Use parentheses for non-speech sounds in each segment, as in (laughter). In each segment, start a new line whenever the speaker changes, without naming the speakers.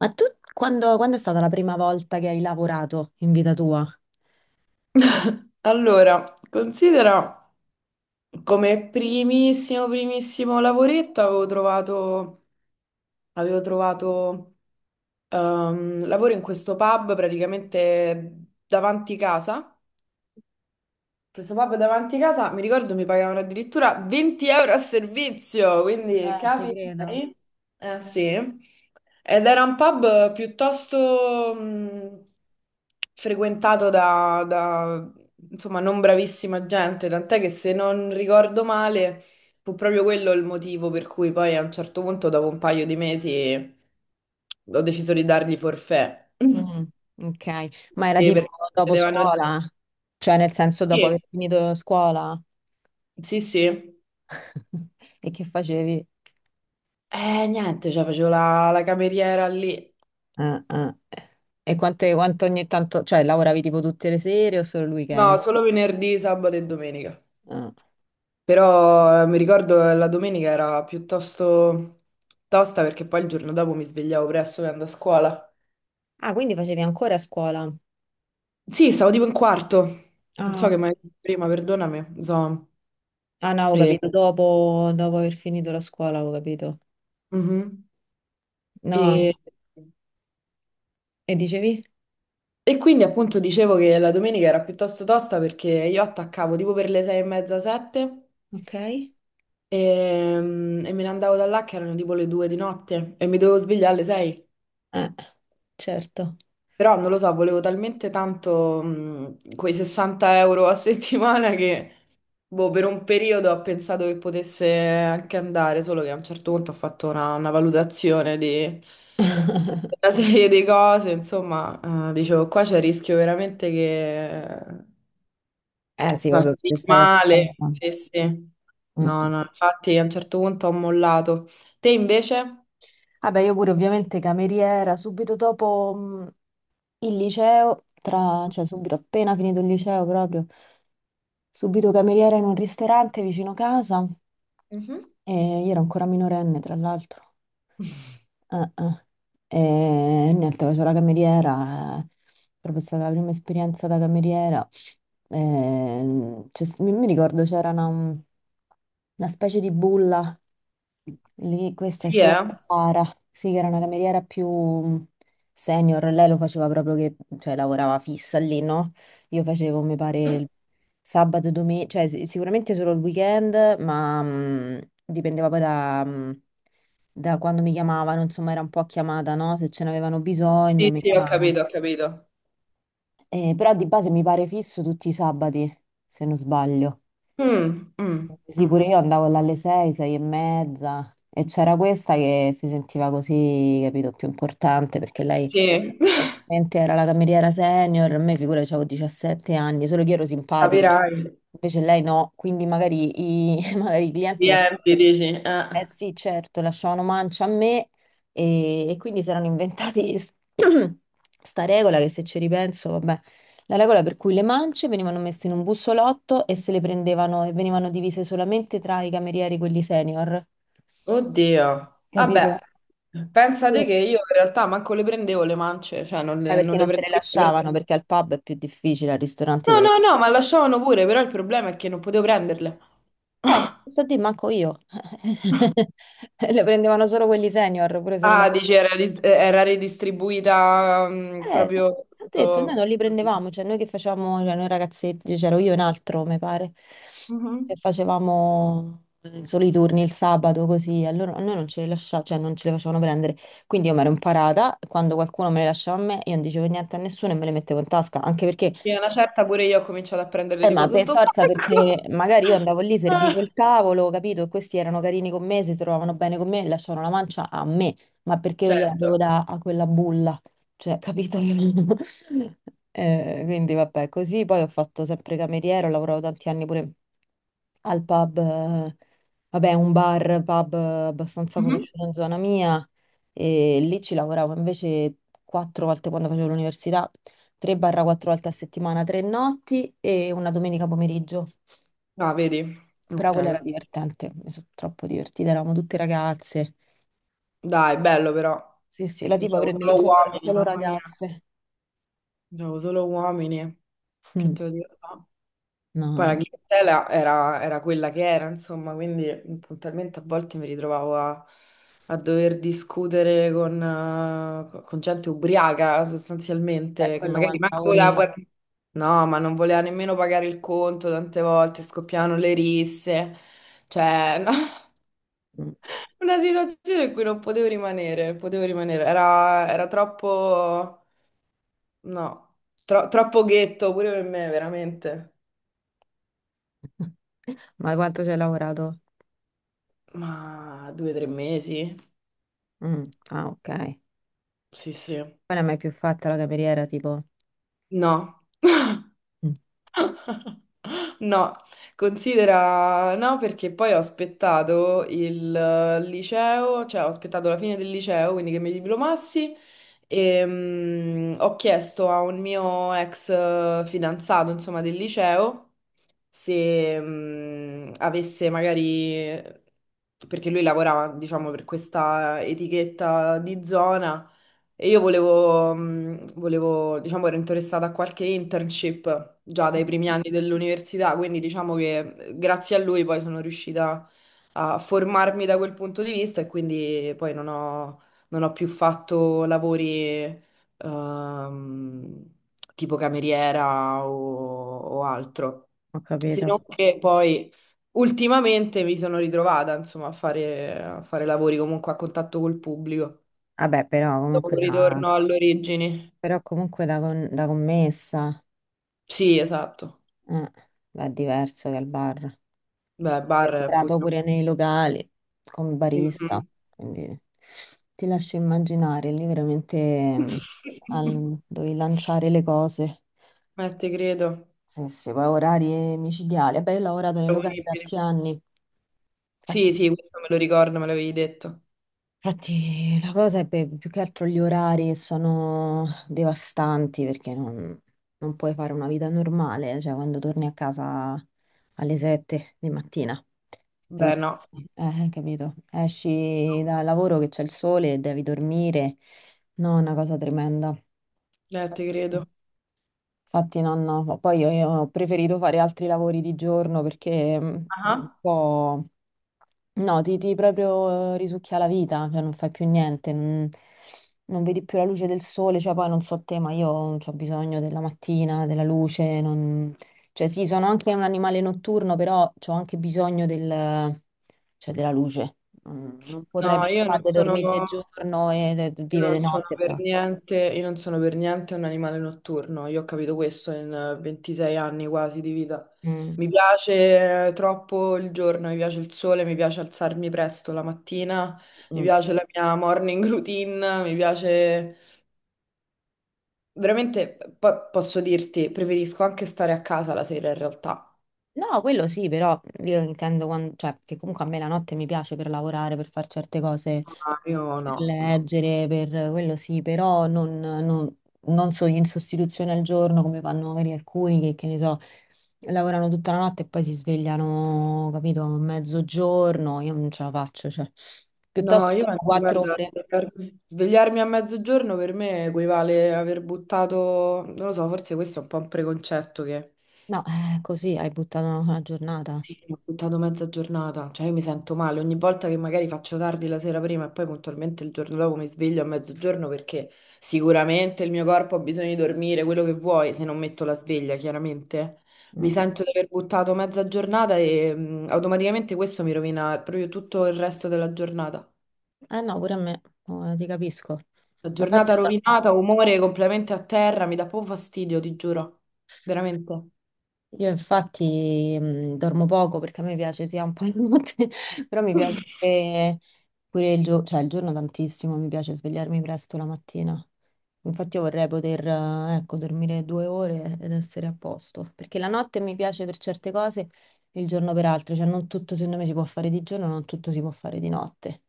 Ma tu quando, quando è stata la prima volta che hai lavorato in vita tua?
Allora, considera come primissimo, primissimo lavoretto avevo trovato, lavoro in questo pub praticamente davanti casa. Questo pub davanti casa, mi ricordo, mi pagavano addirittura 20 euro a servizio, quindi
Ci
capi?
credo.
Eh sì. Ed era un pub piuttosto frequentato da, insomma, non bravissima gente, tant'è che se non ricordo male, fu proprio quello il motivo per cui poi a un certo punto, dopo un paio di mesi, ho deciso di dargli forfè. (laughs)
Mm, ok, ma era
Sì,
tipo
perché
dopo
chiedevano di...
scuola? Cioè nel senso dopo
Sì,
aver finito scuola?
sì, sì.
(laughs) E che facevi?
Niente, cioè facevo la cameriera lì.
Ah, ah. E quante, quanto ogni tanto, cioè lavoravi tipo tutte le sere o solo il
No,
weekend?
solo venerdì, sabato e domenica.
Ah,
Però mi ricordo che la domenica era piuttosto tosta perché poi il giorno dopo mi svegliavo presto per andare a scuola.
ah, quindi facevi ancora scuola?
Sì, stavo tipo in quarto. Non so
Ah,
che mai prima, perdonami. Insomma.
ah, no, ho
E,
capito, dopo, dopo aver finito la scuola, ho capito.
mhm.
No,
E-
e dicevi?
e quindi appunto dicevo che la domenica era piuttosto tosta perché io attaccavo tipo per le sei e mezza, sette.
Ok,
E, me ne andavo da là che erano tipo le due di notte e mi dovevo svegliare alle sei.
eh, certo.
Però non lo so, volevo talmente tanto quei 60 euro a (laughs) settimana che boh, per un periodo ho pensato che potesse anche andare, solo che a un certo punto ho fatto una valutazione di
(laughs)
una serie di cose, insomma, dicevo qua c'è il rischio veramente che
Eh sì,
va
vabbè, se stai a scuola.
male.
Mm.
Sì, sì.
Mm.
No, no, infatti a un certo punto ho mollato. Te invece?
Vabbè, io pure ovviamente cameriera, subito dopo il liceo, cioè subito appena finito il liceo proprio, subito cameriera in un ristorante vicino casa
Mhm.
e io ero ancora minorenne tra l'altro. Eh. E niente, facevo la cameriera, proprio è stata la prima esperienza da cameriera. C'è mi, mi ricordo c'era una specie di bulla lì, questa
Sì,
si chiama
eh?
Sara, sì, che era una cameriera più senior, lei lo faceva proprio che, cioè lavorava fissa lì, no? Io facevo, mi pare,
Mhm.
il sabato, domenica, cioè sicuramente solo il weekend, ma dipendeva poi da, da quando mi chiamavano, insomma era un po' a chiamata, no? Se ce n'avevano bisogno
Sì,
mi
sì, ho
chiamavano.
capito, ho capito.
Però di base mi pare fisso tutti i sabati, se non sbaglio.
Mm, mm,
Sì,
mm.
pure io andavo là alle 6, 6 e mezza e c'era questa che si sentiva così, capito, più importante perché lei
Sì, (laughs)
ovviamente era la cameriera senior, a me figura avevo 17 anni, solo che io ero simpatica,
Capirai.
invece lei no, quindi magari i, (laughs) magari i clienti lasciavano
Riempi, dici.
eh
Eh.
sì, certo, lasciavano mancia a me e quindi si erano inventati (clears throat) sta regola che se ci ripenso, vabbè, la regola per cui le mance venivano messe in un bussolotto e se le prendevano e venivano divise solamente tra i camerieri, quelli senior,
Oddio. Vabbè,
capito?
pensate
Quindi-
che io in realtà manco le prendevo le mance, cioè non
eh,
le,
perché
non le
non te le
prendevo. per-
lasciavano,
no,
perché al pub è più difficile, al ristorante te le
no, no, ma
lasciano.
lasciavano pure, però il problema è che non potevo prenderle. (laughs)
Sto a dire, manco io. (laughs) Le prendevano solo quelli senior, pure se le
Ah,
lasciavano.
dici era, era ridistribuita
Eh, t-
proprio
t'ho detto, noi
sotto...
non li
Capito.
prendevamo, cioè noi che facevamo, cioè noi ragazzetti, c'ero io e un altro, mi pare, che
Mhm.
facevamo solo i turni il sabato così, a noi non ce li lasciavano, cioè non ce li facevano prendere, quindi io mi ero imparata, quando qualcuno me le lasciava a me, io non dicevo niente a nessuno e me le mettevo in tasca, anche perché
Sì, una certa pure io ho cominciato a prendere tipo
ma per
sotto
forza,
banco.
perché magari io
(laughs)
andavo lì,
Ah.
servivo il tavolo, capito? E questi erano carini con me, si trovavano bene con me e lasciavano la mancia a me, ma perché io gliela devo
Certo.
dare a quella bulla, cioè, capito? (laughs) Quindi vabbè, così poi ho fatto sempre cameriera, ho lavorato tanti anni pure al pub, vabbè, un bar, pub abbastanza
Mhm.
conosciuto in zona mia e lì ci lavoravo invece quattro volte quando facevo l'università, 3-4 volte a settimana, tre notti e una domenica pomeriggio.
Ah, vedi?
Però
Ok.
quella era divertente, mi sono troppo divertita, eravamo tutte ragazze.
Dai, bello però.
Sì, sì, la
Io
tipa
c'avevo
prendeva
solo uomini,
solo
mamma mia.
ragazze.
C'avevo solo uomini. Che
Mm,
te lo dico? No?
no,
Poi la
no,
clientela era quella che era, insomma, quindi puntualmente a volte mi ritrovavo a dover discutere con gente ubriaca sostanzialmente, che
quello
magari
quanto
manco voleva
lavori...
no, ma non voleva nemmeno pagare il conto, tante volte scoppiavano le risse, cioè no, (laughs)
Mm.
una situazione in cui non potevo rimanere, potevo rimanere, era troppo, no, troppo ghetto pure per me, veramente.
(laughs) Ma quanto ci hai lavorato?
Ma due o tre mesi?
Mm, ah, ok. Poi
Sì, sì.
non è mai più fatta la cameriera, tipo...
No,
Mm,
(gasps) no, considera no perché poi ho aspettato il liceo, cioè ho aspettato la fine del liceo, quindi che mi diplomassi e ho chiesto a un mio ex fidanzato, insomma, del liceo se avesse magari, perché lui lavorava, diciamo, per questa etichetta di zona. E io volevo, volevo, diciamo, ero interessata a qualche internship già dai primi anni dell'università, quindi diciamo che grazie a lui poi sono riuscita a formarmi da quel punto di vista e quindi poi non ho, non ho più fatto lavori ehm, tipo cameriera o altro.
ho
Se
capito.
non che poi ultimamente mi sono ritrovata, insomma, a fare lavori comunque a contatto col pubblico.
Vabbè,
Dopo un ritorno alle origini.
però comunque da, da commessa
Sì, esatto.
eh, è diverso che al bar.
Beh,
Io ho
bar è un
lavorato
pochino...
pure nei locali come barista,
Mhm.
quindi ti lascio immaginare, lì veramente
(laughs)
dovevi lanciare le cose.
Te credo.
Sì, sì, poi orari micidiali. Vabbè, io ho lavorato nei locali
Proponibili.
tanti anni,
Sì,
infatti.
sì, questo me lo ricordo, me l'avevi detto.
Infatti la cosa è più che altro gli orari sono devastanti perché non, non puoi fare una vita normale, cioè quando torni a casa alle 7 di mattina, e-
Beh, no.
capito? Esci dal lavoro che c'è il sole, e devi dormire, no, è una cosa tremenda.
Te
Infatti
credo.
infatti no, no, poi io ho preferito fare altri lavori di giorno perché dopo un
Ah.
po' no, ti proprio risucchia la vita, cioè non fai più niente, non, non vedi più la luce del sole, cioè poi non so te, ma io ho bisogno della mattina, della luce, non- cioè sì, sono anche un animale notturno, però ho anche bisogno del- cioè, della luce. Mm, non potrei
No, io non
pensare di
sono...
dormire di giorno e di
Io
vivere
non
di
sono
notte e
per
basta.
niente, io non sono per niente un animale notturno, io ho capito questo in 26 anni quasi di vita.
Mm,
Mi piace troppo il giorno, mi piace il sole, mi piace alzarmi presto la mattina, mi
mm.
piace la mia morning routine, mi piace... Veramente, posso dirti, preferisco anche stare a casa la sera in realtà.
No, quello sì, però io intendo quan- cioè, che comunque a me la notte mi piace per lavorare, per fare certe cose.
Ah, io
Per
no, no.
leggere, per quello sì, però non, non- non so, in sostituzione al giorno come fanno magari alcuni che ne so, lavorano tutta la notte e poi si svegliano, capito, a mezzogiorno, io non ce la faccio, cioè, piuttosto
No, io
dormo
penso,
quattro
guarda,
ore.
per- svegliarmi a mezzogiorno per me equivale aver buttato, non lo so, forse questo è un po' un preconcetto che
No, così hai buttato una giornata.
sì, ho buttato mezza giornata, cioè io mi sento male ogni volta che magari faccio tardi la sera prima e poi puntualmente il giorno dopo mi sveglio a mezzogiorno perché sicuramente il mio corpo ha bisogno di dormire, quello che vuoi, se non metto la sveglia, chiaramente. Mi
Mm.
sento di aver buttato mezza giornata e automaticamente questo mi rovina proprio tutto il resto della giornata.
Eh no, pure a me, ti capisco.
La
Ma infatti,
giornata rovinata, umore completamente a terra, mi dà proprio fastidio, ti giuro. Veramente.
io infatti dormo poco perché a me piace sia un po' la notte, (laughs) però mi piace pure, pure il giorno, cioè il giorno tantissimo, mi piace svegliarmi presto la mattina. Infatti io vorrei poter, ecco, dormire 2 ore ed essere a posto, perché la notte mi piace per certe cose, il giorno per altre, cioè non tutto secondo me si può fare di giorno, non tutto si può fare di notte.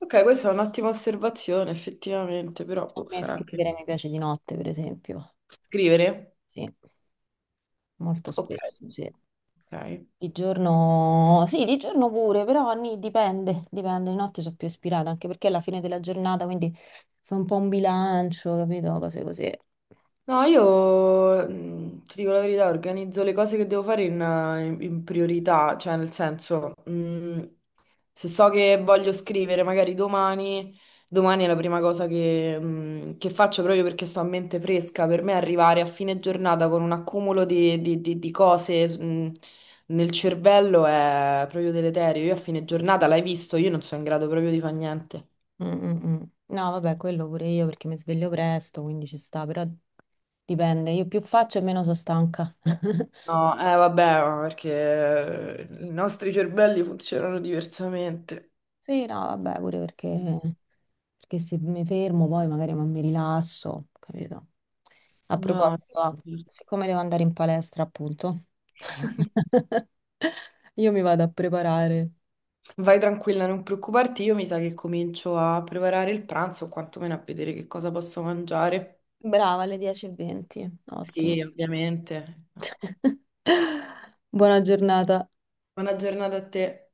Ok, questa è un'ottima osservazione, effettivamente, però
A
boh,
me
sarà che
scrivere mi piace di notte, per esempio,
scrivere.
sì, molto
Ok.
spesso, sì.
Ok.
Di giorno, sì, di giorno pure, però dipende, dipende, di notte sono più ispirata, anche perché è la fine della giornata, quindi fa un po' un bilancio, capito? Cose così.
No, io ti dico la verità, organizzo le cose che devo fare in, in priorità, cioè nel senso, se so che voglio scrivere magari domani, domani è la prima cosa che, che faccio proprio perché sto a mente fresca. Per me arrivare a fine giornata con un accumulo di, di cose, nel cervello è proprio deleterio. Io a fine giornata, l'hai visto, io non sono in grado proprio di fare niente.
Mm, mm, mm. No, vabbè, quello pure io perché mi sveglio presto, quindi ci sta, però dipende, io più faccio e meno sono stanca. (laughs)
No, eh vabbè, ma perché i nostri cervelli funzionano diversamente.
Sì, no, vabbè, pure perché, perché se mi fermo poi magari non mi rilasso, capito? A
No,
proposito, ah,
no.
siccome devo andare in palestra, appunto,
(laughs)
(laughs) io mi vado a preparare.
Vai tranquilla, non preoccuparti, io mi sa che comincio a preparare il pranzo o quantomeno a vedere che cosa posso mangiare.
Brava, alle 10:20,
Sì,
ottimo.
ovviamente.
(laughs) Buona giornata.
Buona giornata a te.